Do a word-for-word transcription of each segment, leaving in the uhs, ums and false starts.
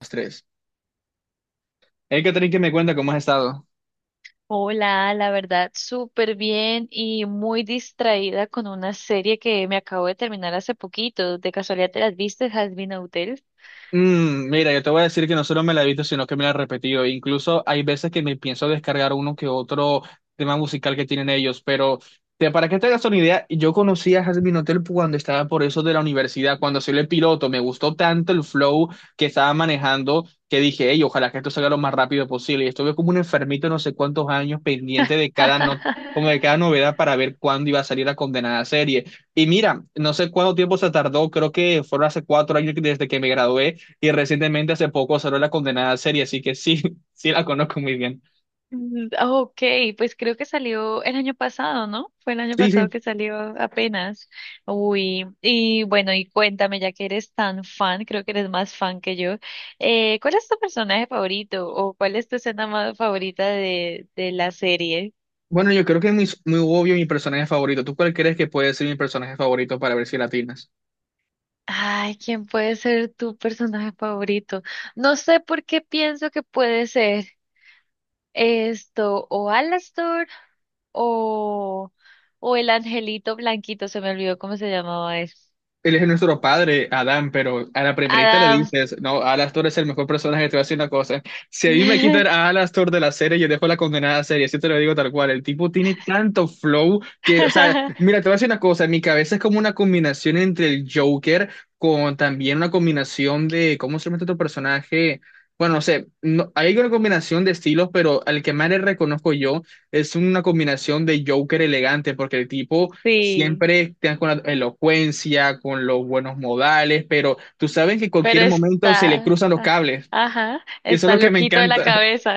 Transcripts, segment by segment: Los tres. Hey, Catherine, ¿que me cuenta cómo has estado? Hola, la verdad, súper bien y muy distraída con una serie que me acabo de terminar hace poquito. ¿De casualidad te las viste, Hazbin Hotel? Mm, mira, yo te voy a decir que no solo me la he visto, sino que me la he repetido. Incluso hay veces que me pienso descargar uno que otro tema musical que tienen ellos, pero te, para que te hagas una idea, yo conocí a Jasmine Hotel cuando estaba por eso de la universidad, cuando soy el piloto, me gustó tanto el flow que estaba manejando que dije, hey, ojalá que esto salga lo más rápido posible. Y estuve como un enfermito no sé cuántos años pendiente de cada no- como de cada novedad para ver cuándo iba a salir la condenada serie. Y mira, no sé cuánto tiempo se tardó, creo que fueron hace cuatro años desde que me gradué y recientemente hace poco salió la condenada serie, así que sí, sí la conozco muy bien. Mm, ok, pues creo que salió el año pasado, ¿no? Fue el año Sí, pasado sí. que salió apenas. Uy, y bueno, y cuéntame, ya que eres tan fan, creo que eres más fan que yo, eh, ¿cuál es tu personaje favorito o cuál es tu escena más favorita de, de la serie? Bueno, yo creo que es muy, muy obvio mi personaje favorito. ¿Tú cuál crees que puede ser mi personaje favorito para ver si latinas? Ay, ¿quién puede ser tu personaje favorito? No sé por qué pienso que puede ser esto, o Alastor, o, o el angelito blanquito, se me olvidó cómo se llamaba él. Él es nuestro padre, Adán, pero a la primerita le Adam. dices, no, Alastor es el mejor personaje, te voy a decir una cosa. Si a mí me quitan a Alastor de la serie, yo dejo la condenada serie, así te lo digo tal cual. El tipo tiene tanto flow que, o sea, mira, te voy a decir una cosa, en mi cabeza es como una combinación entre el Joker con también una combinación de, ¿cómo se llama este otro personaje? Bueno, no sé, no- hay una combinación de estilos, pero al que más le reconozco yo es una combinación de Joker elegante, porque el tipo Sí, siempre te dan con la elocuencia, con los buenos modales, pero tú sabes que en pero cualquier momento se le está, cruzan los ah, cables. ajá, Y eso es está lo que me loquito de la encanta. cabeza.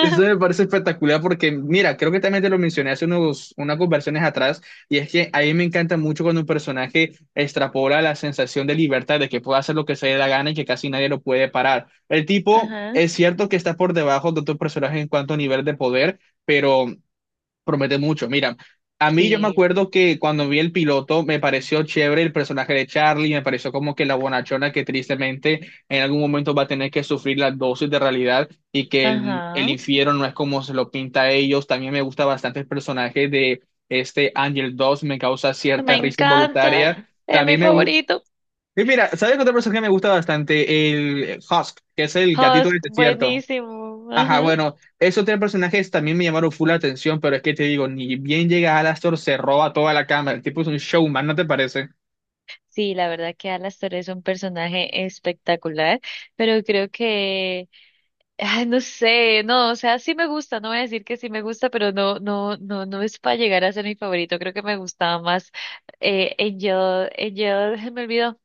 Eso me parece espectacular porque, mira, creo que también te lo mencioné hace unos, unas conversaciones atrás, y es que a mí me encanta mucho cuando un personaje extrapola la sensación de libertad, de que puede hacer lo que se le da gana y que casi nadie lo puede parar. El tipo Ajá, es cierto que está por debajo de otros personajes en cuanto a nivel de poder, pero promete mucho. Mira, a mí yo me sí, acuerdo que cuando vi el piloto me pareció chévere el personaje de Charlie, me pareció como que la bonachona que tristemente en algún momento va a tener que sufrir la dosis de realidad y que el, el ajá. infierno no es como se lo pinta a ellos. También me gusta bastante el personaje de este Angel dos me causa cierta Me risa encanta, involuntaria. es mi También me gusta... favorito. Y mira, ¿sabes qué otro personaje me gusta bastante? El Husk, que es el gatito Husk, del desierto. buenísimo. Ajá, Ajá. bueno, esos tres personajes también me llamaron full la atención, pero es que te digo, ni bien llega Alastor, se roba toda la cámara. El tipo es un showman, ¿no te parece? Sí, la verdad que Alastor es un personaje espectacular, pero creo que, ay, no sé, no, o sea, sí me gusta, no voy a decir que sí me gusta, pero no, no, no, no es para llegar a ser mi favorito. Creo que me gustaba más eh, Angel, Angel, me olvidó.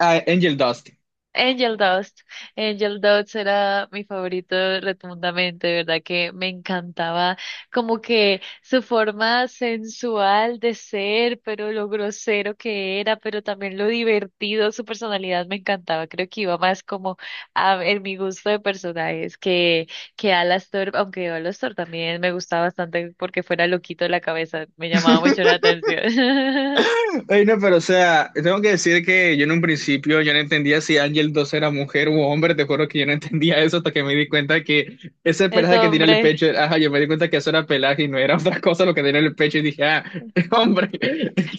Ah, Angel Dust. Angel Dust. Angel Dust era mi favorito rotundamente, de verdad que me encantaba como que su forma sensual de ser, pero lo grosero que era, pero también lo divertido, su personalidad me encantaba. Creo que iba más como a, en mi gusto de personajes que, que Alastor, aunque Alastor también me gustaba bastante porque fuera loquito de la cabeza, me llamaba mucho la atención. Ay no, pero o sea, tengo que decir que yo en un principio yo no entendía si Angel Dust era mujer u hombre, te juro que yo no entendía eso hasta que me di cuenta que ese Ese pelaje que tiene en el hombre. pecho, ajá, yo me di cuenta que eso era pelaje y no era otra cosa lo que tenía en el pecho y dije, ah, hombre.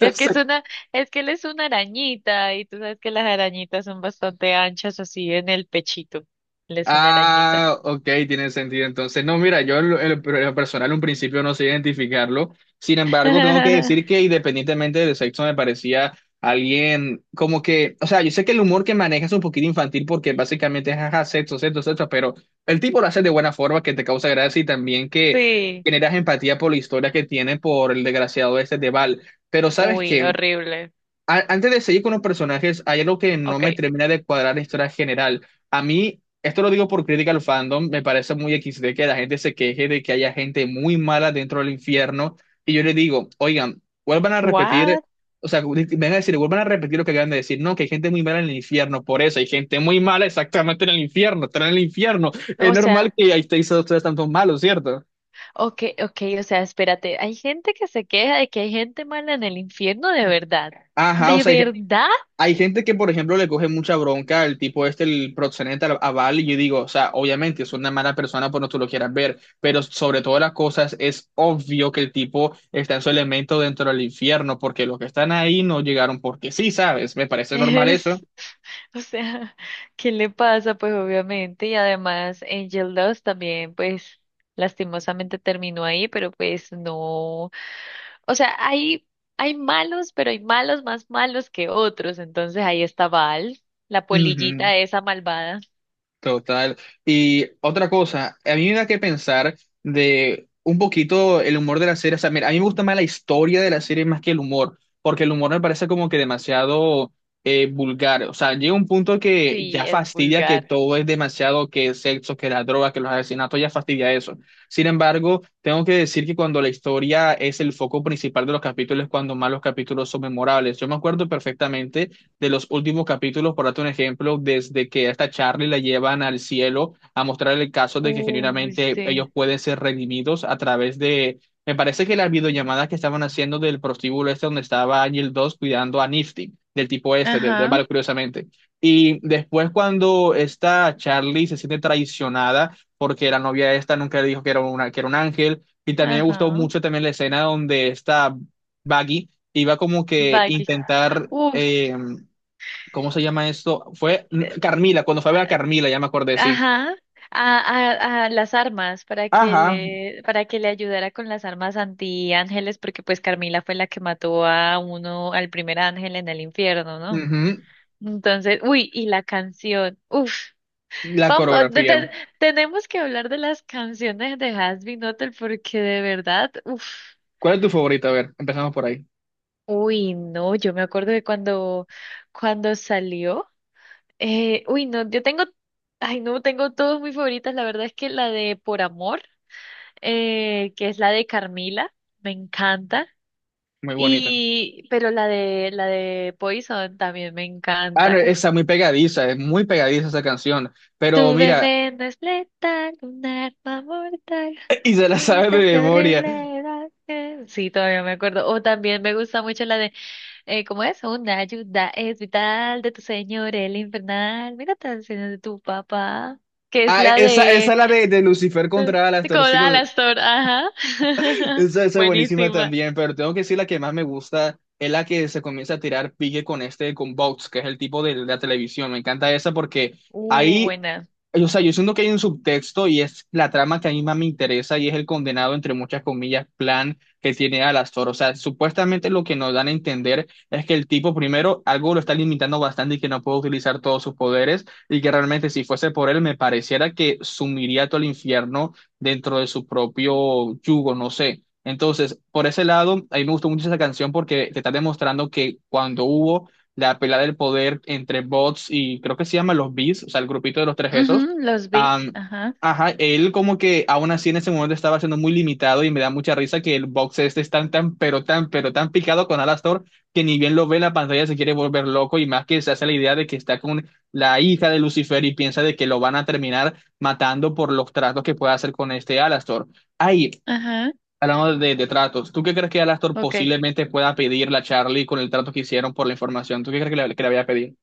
Es que es una, es que él es una arañita y tú sabes que las arañitas son bastante anchas así en el pechito. Él es una arañita. ah, ok, tiene sentido entonces. No, mira, yo en lo, en lo- per- en lo personal un principio no sé identificarlo. Sin embargo, tengo que decir que independientemente del sexo me parecía alguien como que, o sea, yo sé que el humor que maneja es un poquito infantil porque básicamente es jaja, sexo, sexo, sexo, pero el tipo lo hace de buena forma que te causa gracia y también que Sí. generas empatía por la historia que tiene por el desgraciado este de Val. Pero ¿sabes Uy, qué? horrible. A- antes de seguir con los personajes, hay algo que no me Okay. termina de cuadrar la historia general. A mí, esto lo digo por crítica al fandom, me parece muy equis de que la gente se queje de que haya gente muy mala dentro del infierno. Y yo le digo, oigan, vuelvan a repetir, What? o sea, di- vengan a decir, vuelvan a repetir lo que acaban de decir. No, que hay gente muy mala en el infierno, por eso hay gente muy mala exactamente en el infierno, están en el infierno. Es O normal sea, que ahí estéis ustedes tanto malos, ¿cierto? okay, okay, o sea, espérate. Hay gente que se queja de que hay gente mala en el infierno de verdad. Ajá, o ¿De sea, verdad? hay gente que, por ejemplo, le coge mucha bronca al tipo este, el proxeneta, a Val, y yo digo, o sea, obviamente es una mala persona por no tú lo quieras ver, pero sobre todas las cosas es obvio que el tipo está en su elemento dentro del infierno, porque los que están ahí no llegaron porque sí, ¿sabes? Me parece normal eso. Es, o sea, ¿qué le pasa? Pues obviamente, y además Angel Dust también, pues lastimosamente terminó ahí, pero pues no, o sea, hay, hay malos, pero hay malos más malos que otros, entonces ahí está Val, la Ujú. polillita esa malvada, Total. Y otra cosa, a mí me da que pensar de un poquito el humor de la serie. O sea, mira, a mí me gusta más la historia de la serie más que el humor, porque el humor me parece como que demasiado eh, vulgar. O sea, llega un punto que ya sí, es fastidia que vulgar. todo es demasiado, que el sexo, que la droga, que los asesinatos, ya fastidia eso. Sin embargo, tengo que decir que cuando la historia es el foco principal de los capítulos, es cuando más los capítulos son memorables. Yo me acuerdo perfectamente de los últimos capítulos, por darte un ejemplo, desde que hasta Charlie la llevan al cielo a mostrar el caso de que Uy, genuinamente ellos sí. pueden ser redimidos a través de, me parece que las videollamadas que estaban haciendo del prostíbulo este donde estaba Ángel dos cuidando a Nifty, del tipo este, de, de Ajá, Val, curiosamente. Y después cuando esta Charlie se siente traicionada porque la novia esta nunca le dijo que era, una, que era un ángel, y también me gustó ajá. mucho también la escena donde esta Baggy iba como que Baggy. intentar Uf. eh, ¿cómo se llama esto? eh, Fue mm, Carmila, cuando fue a ver a eh, Carmila, ya me acordé, sí. Ajá, a, a, a las armas para que Ajá, le, para que le ayudara con las armas antiángeles, porque pues Carmila fue la que mató a uno, al primer ángel en el infierno, ¿no? ujú. Entonces, uy, y la canción, uf, La vamos, ah, de- coreografía. te- tenemos que hablar de las canciones de Hazbin Hotel porque de verdad, uf, ¿Cuál es tu favorita? A ver, empezamos por ahí. uy, no, yo me acuerdo de cuando, cuando salió, eh, uy, no, yo tengo, ay, no, tengo todas mis favoritas, la verdad es que la de Por Amor. Eh, que es la de Carmila, me encanta. Muy bonita. Y, pero la de, la de Poison también me Ah, no, encanta. Uf, esa muy pegadiza, es muy pegadiza esa canción. Pero tu mira, veneno es letal, un arma mortal. y se la No es sabe de siempre memoria. horrible. era que- Sí, todavía me acuerdo. O también me gusta mucho la de, eh, ¿cómo es? Una ayuda es vital de tu señor, el infernal. Mira tan señor de tu papá, que es Ah, e, la esa, esa de, la de, de, Lucifer contra las de Coral torcidas. Astor. Ajá. Esa, esa es buenísima Buenísima. también, pero tengo que decir la que más me gusta es la que se comienza a tirar pique con este, con Vox, que es el tipo de, de la televisión. Me encanta esa porque Uh, ahí, buena. o sea, yo siento que hay un subtexto y es la trama que a mí más me interesa y es el condenado, entre muchas comillas, plan que tiene Alastor. O sea, supuestamente lo que nos dan a entender es que el tipo, primero, algo lo está limitando bastante y que no puede utilizar todos sus poderes y que realmente si fuese por él me pareciera que sumiría todo el infierno dentro de su propio yugo, no sé. Entonces, por ese lado, a mí me gustó mucho esa canción porque te está demostrando que cuando hubo... la pelea del poder entre bots y creo que se llama los Beasts, o sea, el grupito de los tres esos, Ujú, los beats, Am, ajá, ajá, él como que aún así en ese momento estaba siendo muy limitado y me da mucha risa que el box este es tan, tan, pero tan, pero tan picado con Alastor que ni bien lo ve en la pantalla se quiere volver loco y más que se hace la idea de que está con la hija de Lucifer y piensa de que lo van a terminar matando por los tratos que pueda hacer con este Alastor. Ahí, ajá, hablando de, de tratos, ¿tú qué crees que Alastor ok. posiblemente pueda pedirle a Charlie con el trato que hicieron por la información? ¿Tú qué crees que le, que le vaya a pedir?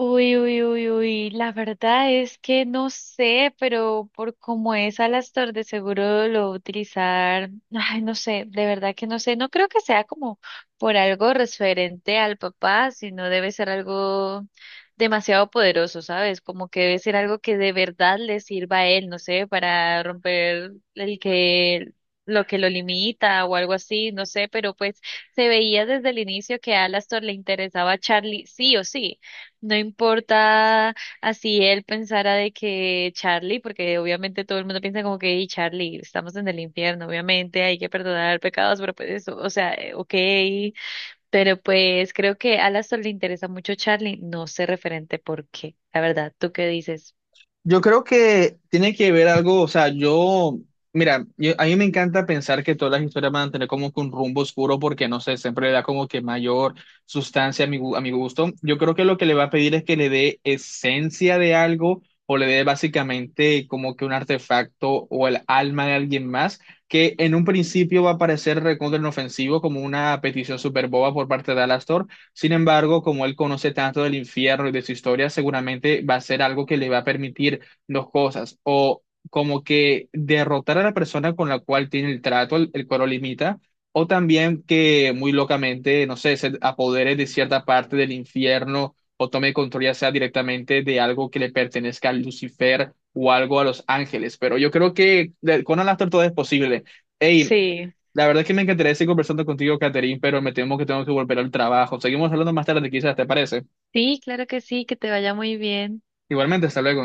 Uy, uy, uy, uy, la verdad es que no sé, pero por cómo es Alastor de seguro lo va a utilizar, ay, no sé, de verdad que no sé, no creo que sea como por algo referente al papá, sino debe ser algo demasiado poderoso, ¿sabes? Como que debe ser algo que de verdad le sirva a él, no sé, para romper el que lo que lo limita o algo así, no sé, pero pues se veía desde el inicio que a Alastor le interesaba a Charlie sí o sí. No importa así él pensara de que Charlie, porque obviamente todo el mundo piensa como que, "Ey, Charlie, estamos en el infierno, obviamente hay que perdonar pecados, pero pues eso, o sea, eh, ok, pero pues creo que a Alastor le interesa mucho Charlie, no sé referente por qué, la verdad, ¿tú qué dices? Yo creo que tiene que ver algo, o sea, yo, mira, yo- a mí me encanta pensar que todas las historias van a tener como que un rumbo oscuro porque, no sé, siempre le da como que mayor sustancia a mi, gu- a mi gusto. Yo creo que lo que le va a pedir es que le dé esencia de algo o le dé básicamente como que un artefacto o el alma de alguien más, que en un principio va a parecer recontra inofensivo como una petición súper boba por parte de Alastor, sin embargo, como él conoce tanto del infierno y de su historia, seguramente va a ser algo que le va a permitir dos cosas, o como que derrotar a la persona con la cual tiene el trato, el, el cual lo limita, o también que muy locamente, no sé, se apodere de cierta parte del infierno o tome control ya sea directamente de algo que le pertenezca a Lucifer o algo a los ángeles. Pero yo creo que de- con Alastor todo es posible. Ey, Sí. la verdad es que me encantaría seguir conversando contigo, Catherine, pero me temo que tengo que volver al trabajo. Seguimos hablando más tarde, quizás, ¿te parece? Sí, claro que sí, que te vaya muy bien. Igualmente, hasta luego.